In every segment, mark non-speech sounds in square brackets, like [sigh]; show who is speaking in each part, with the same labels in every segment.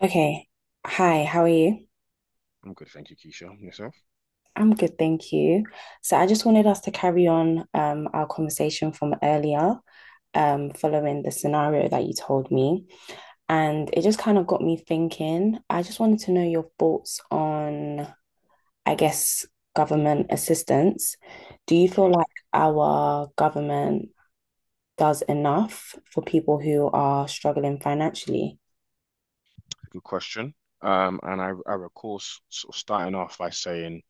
Speaker 1: Okay. Hi, how are you?
Speaker 2: I'm good, thank you, Keisha. Yourself?
Speaker 1: I'm good, thank you. So I just wanted us to carry on our conversation from earlier, following the scenario that you told me. And it just kind of got me thinking. I just wanted to know your thoughts on, I guess, government assistance. Do you feel
Speaker 2: Sure.
Speaker 1: like our government does enough for people who are struggling financially?
Speaker 2: Good question. And I recall sort of starting off by saying,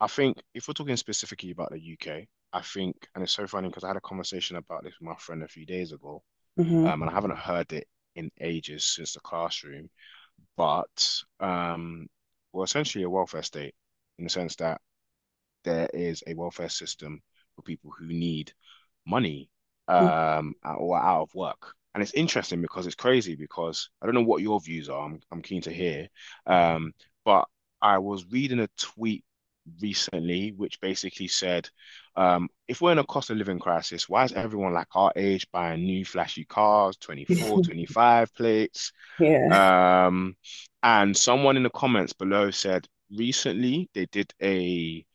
Speaker 2: I think if we're talking specifically about the UK. I think, and it's so funny because I had a conversation about this with my friend a few days ago,
Speaker 1: Hmm.
Speaker 2: and I haven't heard it in ages since the classroom, but we're essentially a welfare state, in the sense that there is a welfare system for people who need money, or are out of work. And it's interesting because it's crazy because I don't know what your views are. I'm keen to hear. Um, but I was reading a tweet recently which basically said, if we're in a cost of living crisis, why is everyone like our age buying new flashy cars, 24, twenty
Speaker 1: [laughs]
Speaker 2: five plates?
Speaker 1: Yeah.
Speaker 2: Um, and someone in the comments below said, recently they did a,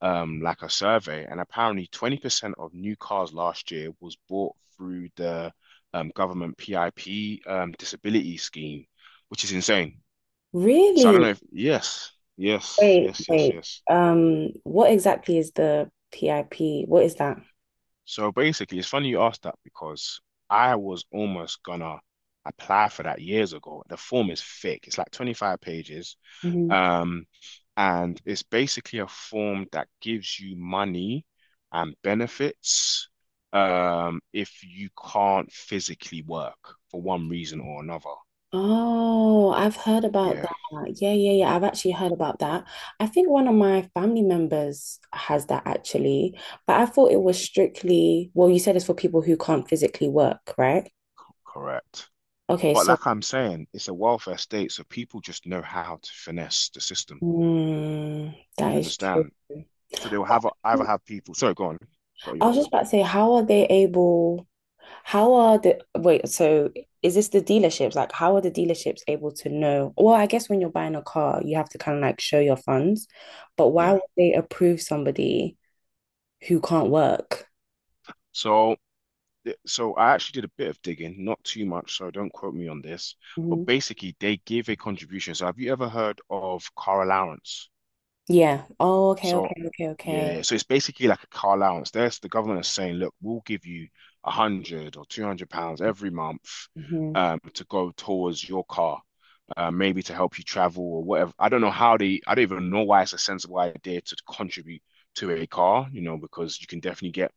Speaker 2: like a survey, and apparently 20% of new cars last year was bought through the, government PIP, disability scheme, which is insane. So I don't
Speaker 1: Really?
Speaker 2: know if, yes, yes,
Speaker 1: Wait,
Speaker 2: yes, yes,
Speaker 1: wait.
Speaker 2: yes.
Speaker 1: What exactly is the PIP? What is that?
Speaker 2: So basically, it's funny you asked that because I was almost gonna apply for that years ago. The form is thick, it's like 25 pages.
Speaker 1: Hmm.
Speaker 2: Um, and it's basically a form that gives you money and benefits, if you can't physically work for one reason or another.
Speaker 1: Oh, I've heard about
Speaker 2: Yeah,
Speaker 1: that. Yeah, yeah, yeah. I've actually heard about that. I think one of my family members has that actually, but I thought it was strictly, well, you said it's for people who can't physically work, right?
Speaker 2: correct.
Speaker 1: Okay,
Speaker 2: But
Speaker 1: so
Speaker 2: like I'm saying, it's a welfare state, so people just know how to finesse the system.
Speaker 1: mm, that
Speaker 2: Do you
Speaker 1: is
Speaker 2: understand?
Speaker 1: true.
Speaker 2: So they will have either have people. Sorry, go on. Got
Speaker 1: I
Speaker 2: you
Speaker 1: was
Speaker 2: off.
Speaker 1: just about to say, how are they able? How are the wait? So is this the dealerships? Like, how are the dealerships able to know? Well, I guess when you're buying a car, you have to kind of like show your funds, but why
Speaker 2: Yeah.
Speaker 1: would they approve somebody who can't work?
Speaker 2: So so I actually did a bit of digging, not too much, so don't quote me on this. But
Speaker 1: Mhm.
Speaker 2: basically, they give a contribution. So have you ever heard of car allowance?
Speaker 1: Yeah. Oh, okay, okay,
Speaker 2: So
Speaker 1: okay, okay.
Speaker 2: yeah, so it's basically like a car allowance. There's the government is saying, look, we'll give you £100 or £200 every month,
Speaker 1: Mhm.
Speaker 2: to go towards your car. Maybe to help you travel or whatever. I don't know how they, I don't even know why it's a sensible idea to contribute to a car, because you can definitely get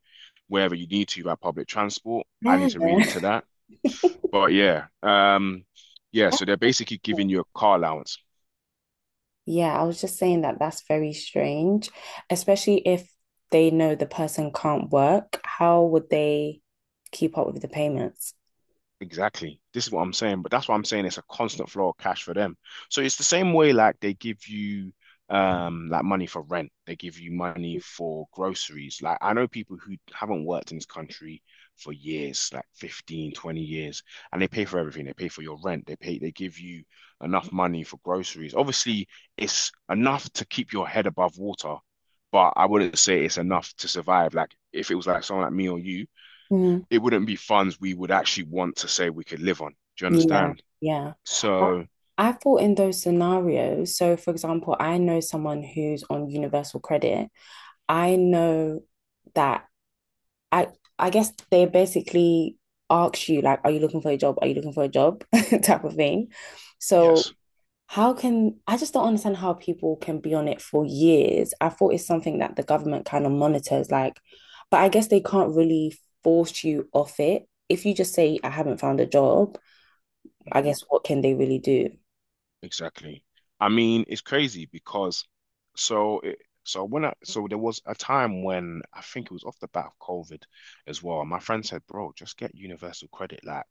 Speaker 2: wherever you need to by public transport. I
Speaker 1: Yeah.
Speaker 2: need to read into that. But
Speaker 1: [laughs]
Speaker 2: yeah, yeah, so they're basically
Speaker 1: That's
Speaker 2: giving you a car allowance.
Speaker 1: Yeah, I was just saying that that's very strange, especially if they know the person can't work. How would they keep up with the payments?
Speaker 2: Exactly. This is what I'm saying, but that's what I'm saying. It's a constant flow of cash for them. So it's the same way like they give you, like money for rent, they give you money for groceries. Like I know people who haven't worked in this country for years, like 15, 20 years, and they pay for everything. They pay for your rent, they give you enough money for groceries. Obviously, it's enough to keep your head above water, but I wouldn't say it's enough to survive. Like if it was like someone like me or you,
Speaker 1: Mm.
Speaker 2: it wouldn't be funds we would actually want to say we could live on. Do you
Speaker 1: Yeah,
Speaker 2: understand?
Speaker 1: yeah. I,
Speaker 2: So,
Speaker 1: I thought in those scenarios, so for example, I know someone who's on Universal Credit. I know that I I guess they basically ask you like, are you looking for a job? Are you looking for a job? [laughs] type of thing.
Speaker 2: yes,
Speaker 1: So how can I just don't understand how people can be on it for years. I thought it's something that the government kind of monitors, like, but I guess they can't really force you off it. If you just say, I haven't found a job, I
Speaker 2: mhm,
Speaker 1: guess what can they really do?
Speaker 2: exactly. I mean, it's crazy because so it, so when I so there was a time when I think it was off the bat of COVID as well. My friend said, "Bro, just get universal credit. Like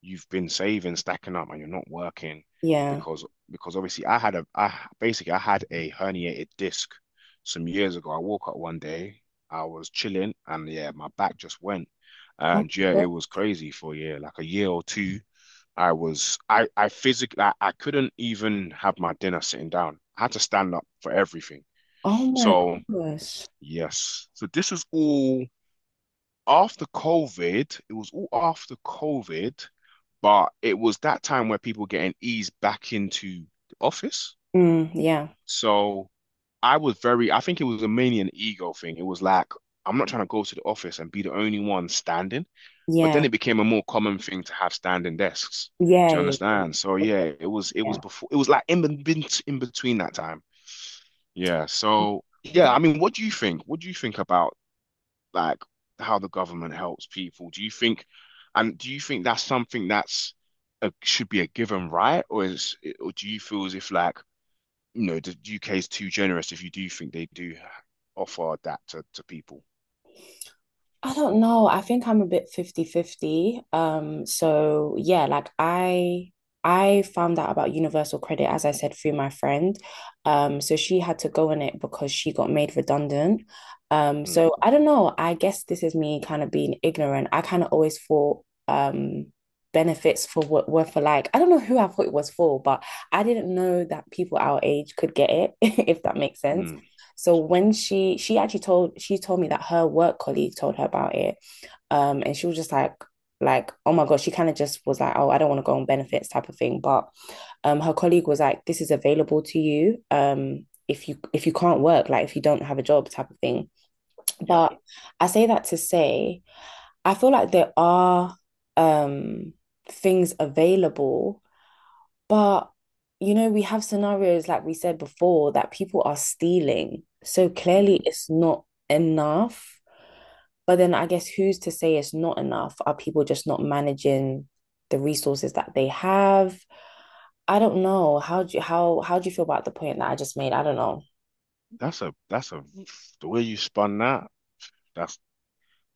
Speaker 2: you've been saving, stacking up, and you're not working."
Speaker 1: Yeah.
Speaker 2: Because because obviously I had a herniated disc some years ago. I woke up one day, I was chilling, and yeah, my back just went,
Speaker 1: Oh
Speaker 2: and
Speaker 1: my
Speaker 2: yeah,
Speaker 1: God.
Speaker 2: it was crazy for a year, like a year or two. I was I physically I couldn't even have my dinner sitting down. I had to stand up for everything.
Speaker 1: Oh my
Speaker 2: So
Speaker 1: gosh.
Speaker 2: yes, so this is all after COVID, it was all after COVID, but it was that time where people were getting eased back into the office.
Speaker 1: Mm, yeah.
Speaker 2: So I was very, I think it was a mainly an ego thing. It was like, I'm not trying to go to the office and be the only one standing. But then
Speaker 1: Yeah.
Speaker 2: it became a more common thing to have standing desks.
Speaker 1: Yeah.
Speaker 2: Do you
Speaker 1: Yeah. Yeah.
Speaker 2: understand? So
Speaker 1: Okay,
Speaker 2: yeah, it was
Speaker 1: yeah.
Speaker 2: before, it was like in between that time. Yeah. So yeah,
Speaker 1: Wow,
Speaker 2: I mean, what do you think? What do you think about like how the government helps people? Do you think, and do you think that's something that's a, should be a given right, or do you feel as if like the UK is too generous, if you do think they do offer that to people?
Speaker 1: I don't know. I think I'm a bit 50 50. So yeah, like I found out about Universal Credit, as I said, through my friend. So she had to go in it because she got made redundant.
Speaker 2: Mm,
Speaker 1: So I don't know. I guess this is me kind of being ignorant. I kind of always thought benefits for what were for like I don't know who I thought it was for, but I didn't know that people our age could get it, [laughs] if that makes sense.
Speaker 2: mm,
Speaker 1: So when she actually told she told me that her work colleague told her about it. And she was just like oh my god she kind of just was like oh I don't want to go on benefits type of thing but her colleague was like this is available to you if you if you can't work like if you don't have a job type of thing
Speaker 2: yeah,
Speaker 1: but I say that to say I feel like there are um things available but, you know, we have scenarios, like we said before, that people are stealing. So clearly
Speaker 2: mm.
Speaker 1: it's not enough. But then I guess who's to say it's not enough? Are people just not managing the resources that they have? I don't know. How how do you feel about the point that I just made? I don't know.
Speaker 2: That's a the way you spun that. That's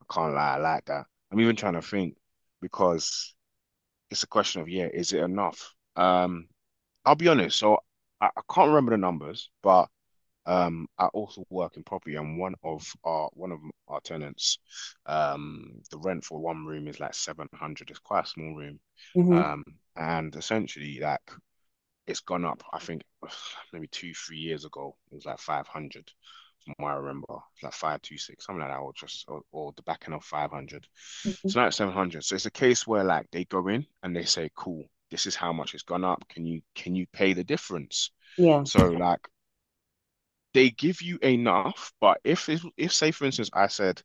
Speaker 2: I can't lie, I like that. I'm even trying to think because it's a question of, yeah, is it enough? I'll be honest. So I can't remember the numbers, but I also work in property, and one of our tenants, the rent for one room is like 700. It's quite a small room.
Speaker 1: Mm-hmm.
Speaker 2: Um, and essentially, like it's gone up, I think [sighs] maybe two, 3 years ago it was like 500, from what I remember. It's like 526, something like that, or the back end of 500.
Speaker 1: Mhm.
Speaker 2: So now it's 700. So it's a case where like they go in and they say, cool, this is how much it's gone up. Can you pay the difference?
Speaker 1: Yeah.
Speaker 2: So like they give you enough, but if, say for instance I said,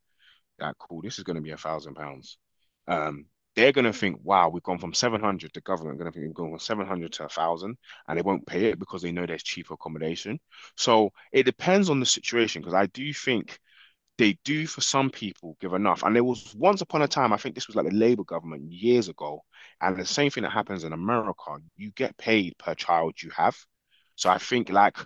Speaker 2: yeah, cool, this is going to be £1,000, um, they're going to think, wow, we've gone from 700, the government going to think we've gone from 700 to a thousand, and they won't pay it because they know there's cheaper accommodation. So it depends on the situation because I do think they do, for some people, give enough. And there was once upon a time, I think this was like the Labour government years ago, and the same thing that happens in America, you get paid per child you have. So I think like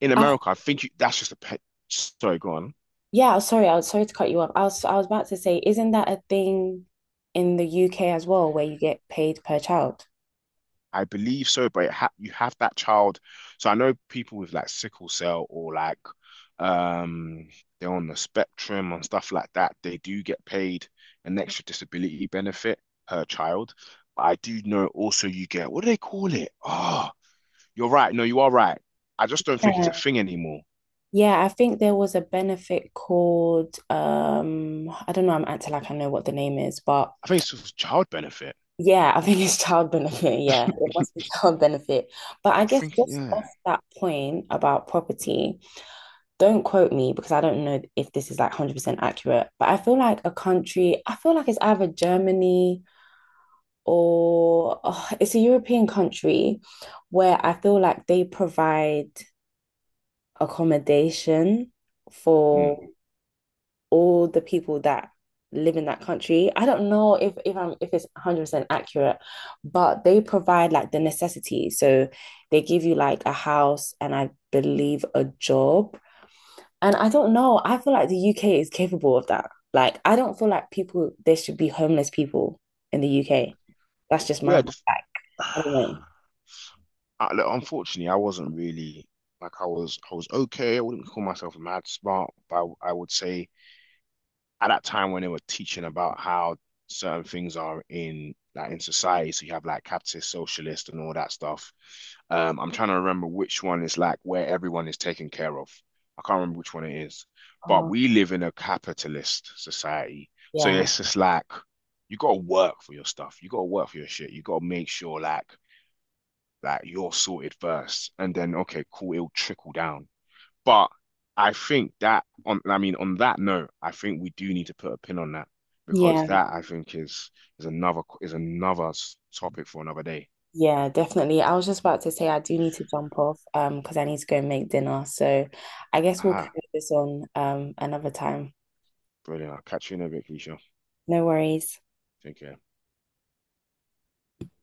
Speaker 2: in
Speaker 1: I
Speaker 2: America, I think, that's just a pet. Sorry, go on.
Speaker 1: Yeah, sorry, I was sorry to cut you off. I was about to say, isn't that a thing in the UK as well, where you get paid per child?
Speaker 2: I believe so, but it ha you have that child. So I know people with like sickle cell or like, um they're on the spectrum and stuff like that. They do get paid an extra disability benefit per child. But I do know also you get, what do they call it? Oh, you're right. No, you are right. I just don't think it's a
Speaker 1: Yeah.
Speaker 2: thing anymore.
Speaker 1: Yeah, I think there was a benefit called I don't know, I'm acting like I know what the name is, but
Speaker 2: I think it's just child benefit.
Speaker 1: yeah, I think it's child benefit. Yeah, it must be
Speaker 2: [laughs]
Speaker 1: child benefit. But I
Speaker 2: I
Speaker 1: guess
Speaker 2: think,
Speaker 1: just
Speaker 2: yeah.
Speaker 1: off that point about property, don't quote me because I don't know if this is like 100% accurate, but I feel like a country, I feel like it's either Germany or ugh, it's a European country where I feel like they provide accommodation for
Speaker 2: Mm.
Speaker 1: all the people that live in that country. I don't know if it's 100% accurate, but they provide like the necessities. So they give you like a house and I believe a job. And I don't know, I feel like the UK is capable of that. Like I don't feel like people there should be homeless people in the UK. That's just my
Speaker 2: Yeah.
Speaker 1: like,
Speaker 2: Just. [sighs]
Speaker 1: I don't know.
Speaker 2: Look, unfortunately, I wasn't really, like I was. I was okay. I wouldn't call myself mad smart, but I would say at that time when they were teaching about how certain things are in society, so you have like capitalist, socialist, and all that stuff. I'm trying to remember which one is like where everyone is taken care of. I can't remember which one it is, but
Speaker 1: Oh,
Speaker 2: we live in a capitalist society, so
Speaker 1: yeah.
Speaker 2: it's just like you got to work for your stuff. You got to work for your shit. You got to make sure like you're sorted first, and then okay, cool, it'll trickle down. But I think I mean, on that note, I think we do need to put a pin on that, because
Speaker 1: Yeah.
Speaker 2: that I think is another topic for another day.
Speaker 1: Yeah, definitely. I was just about to say I do need to jump off because I need to go and make dinner. So I guess we'll carry
Speaker 2: Ah,
Speaker 1: this on another time.
Speaker 2: brilliant. I'll catch you in a bit, Keisha.
Speaker 1: No worries.
Speaker 2: Take care.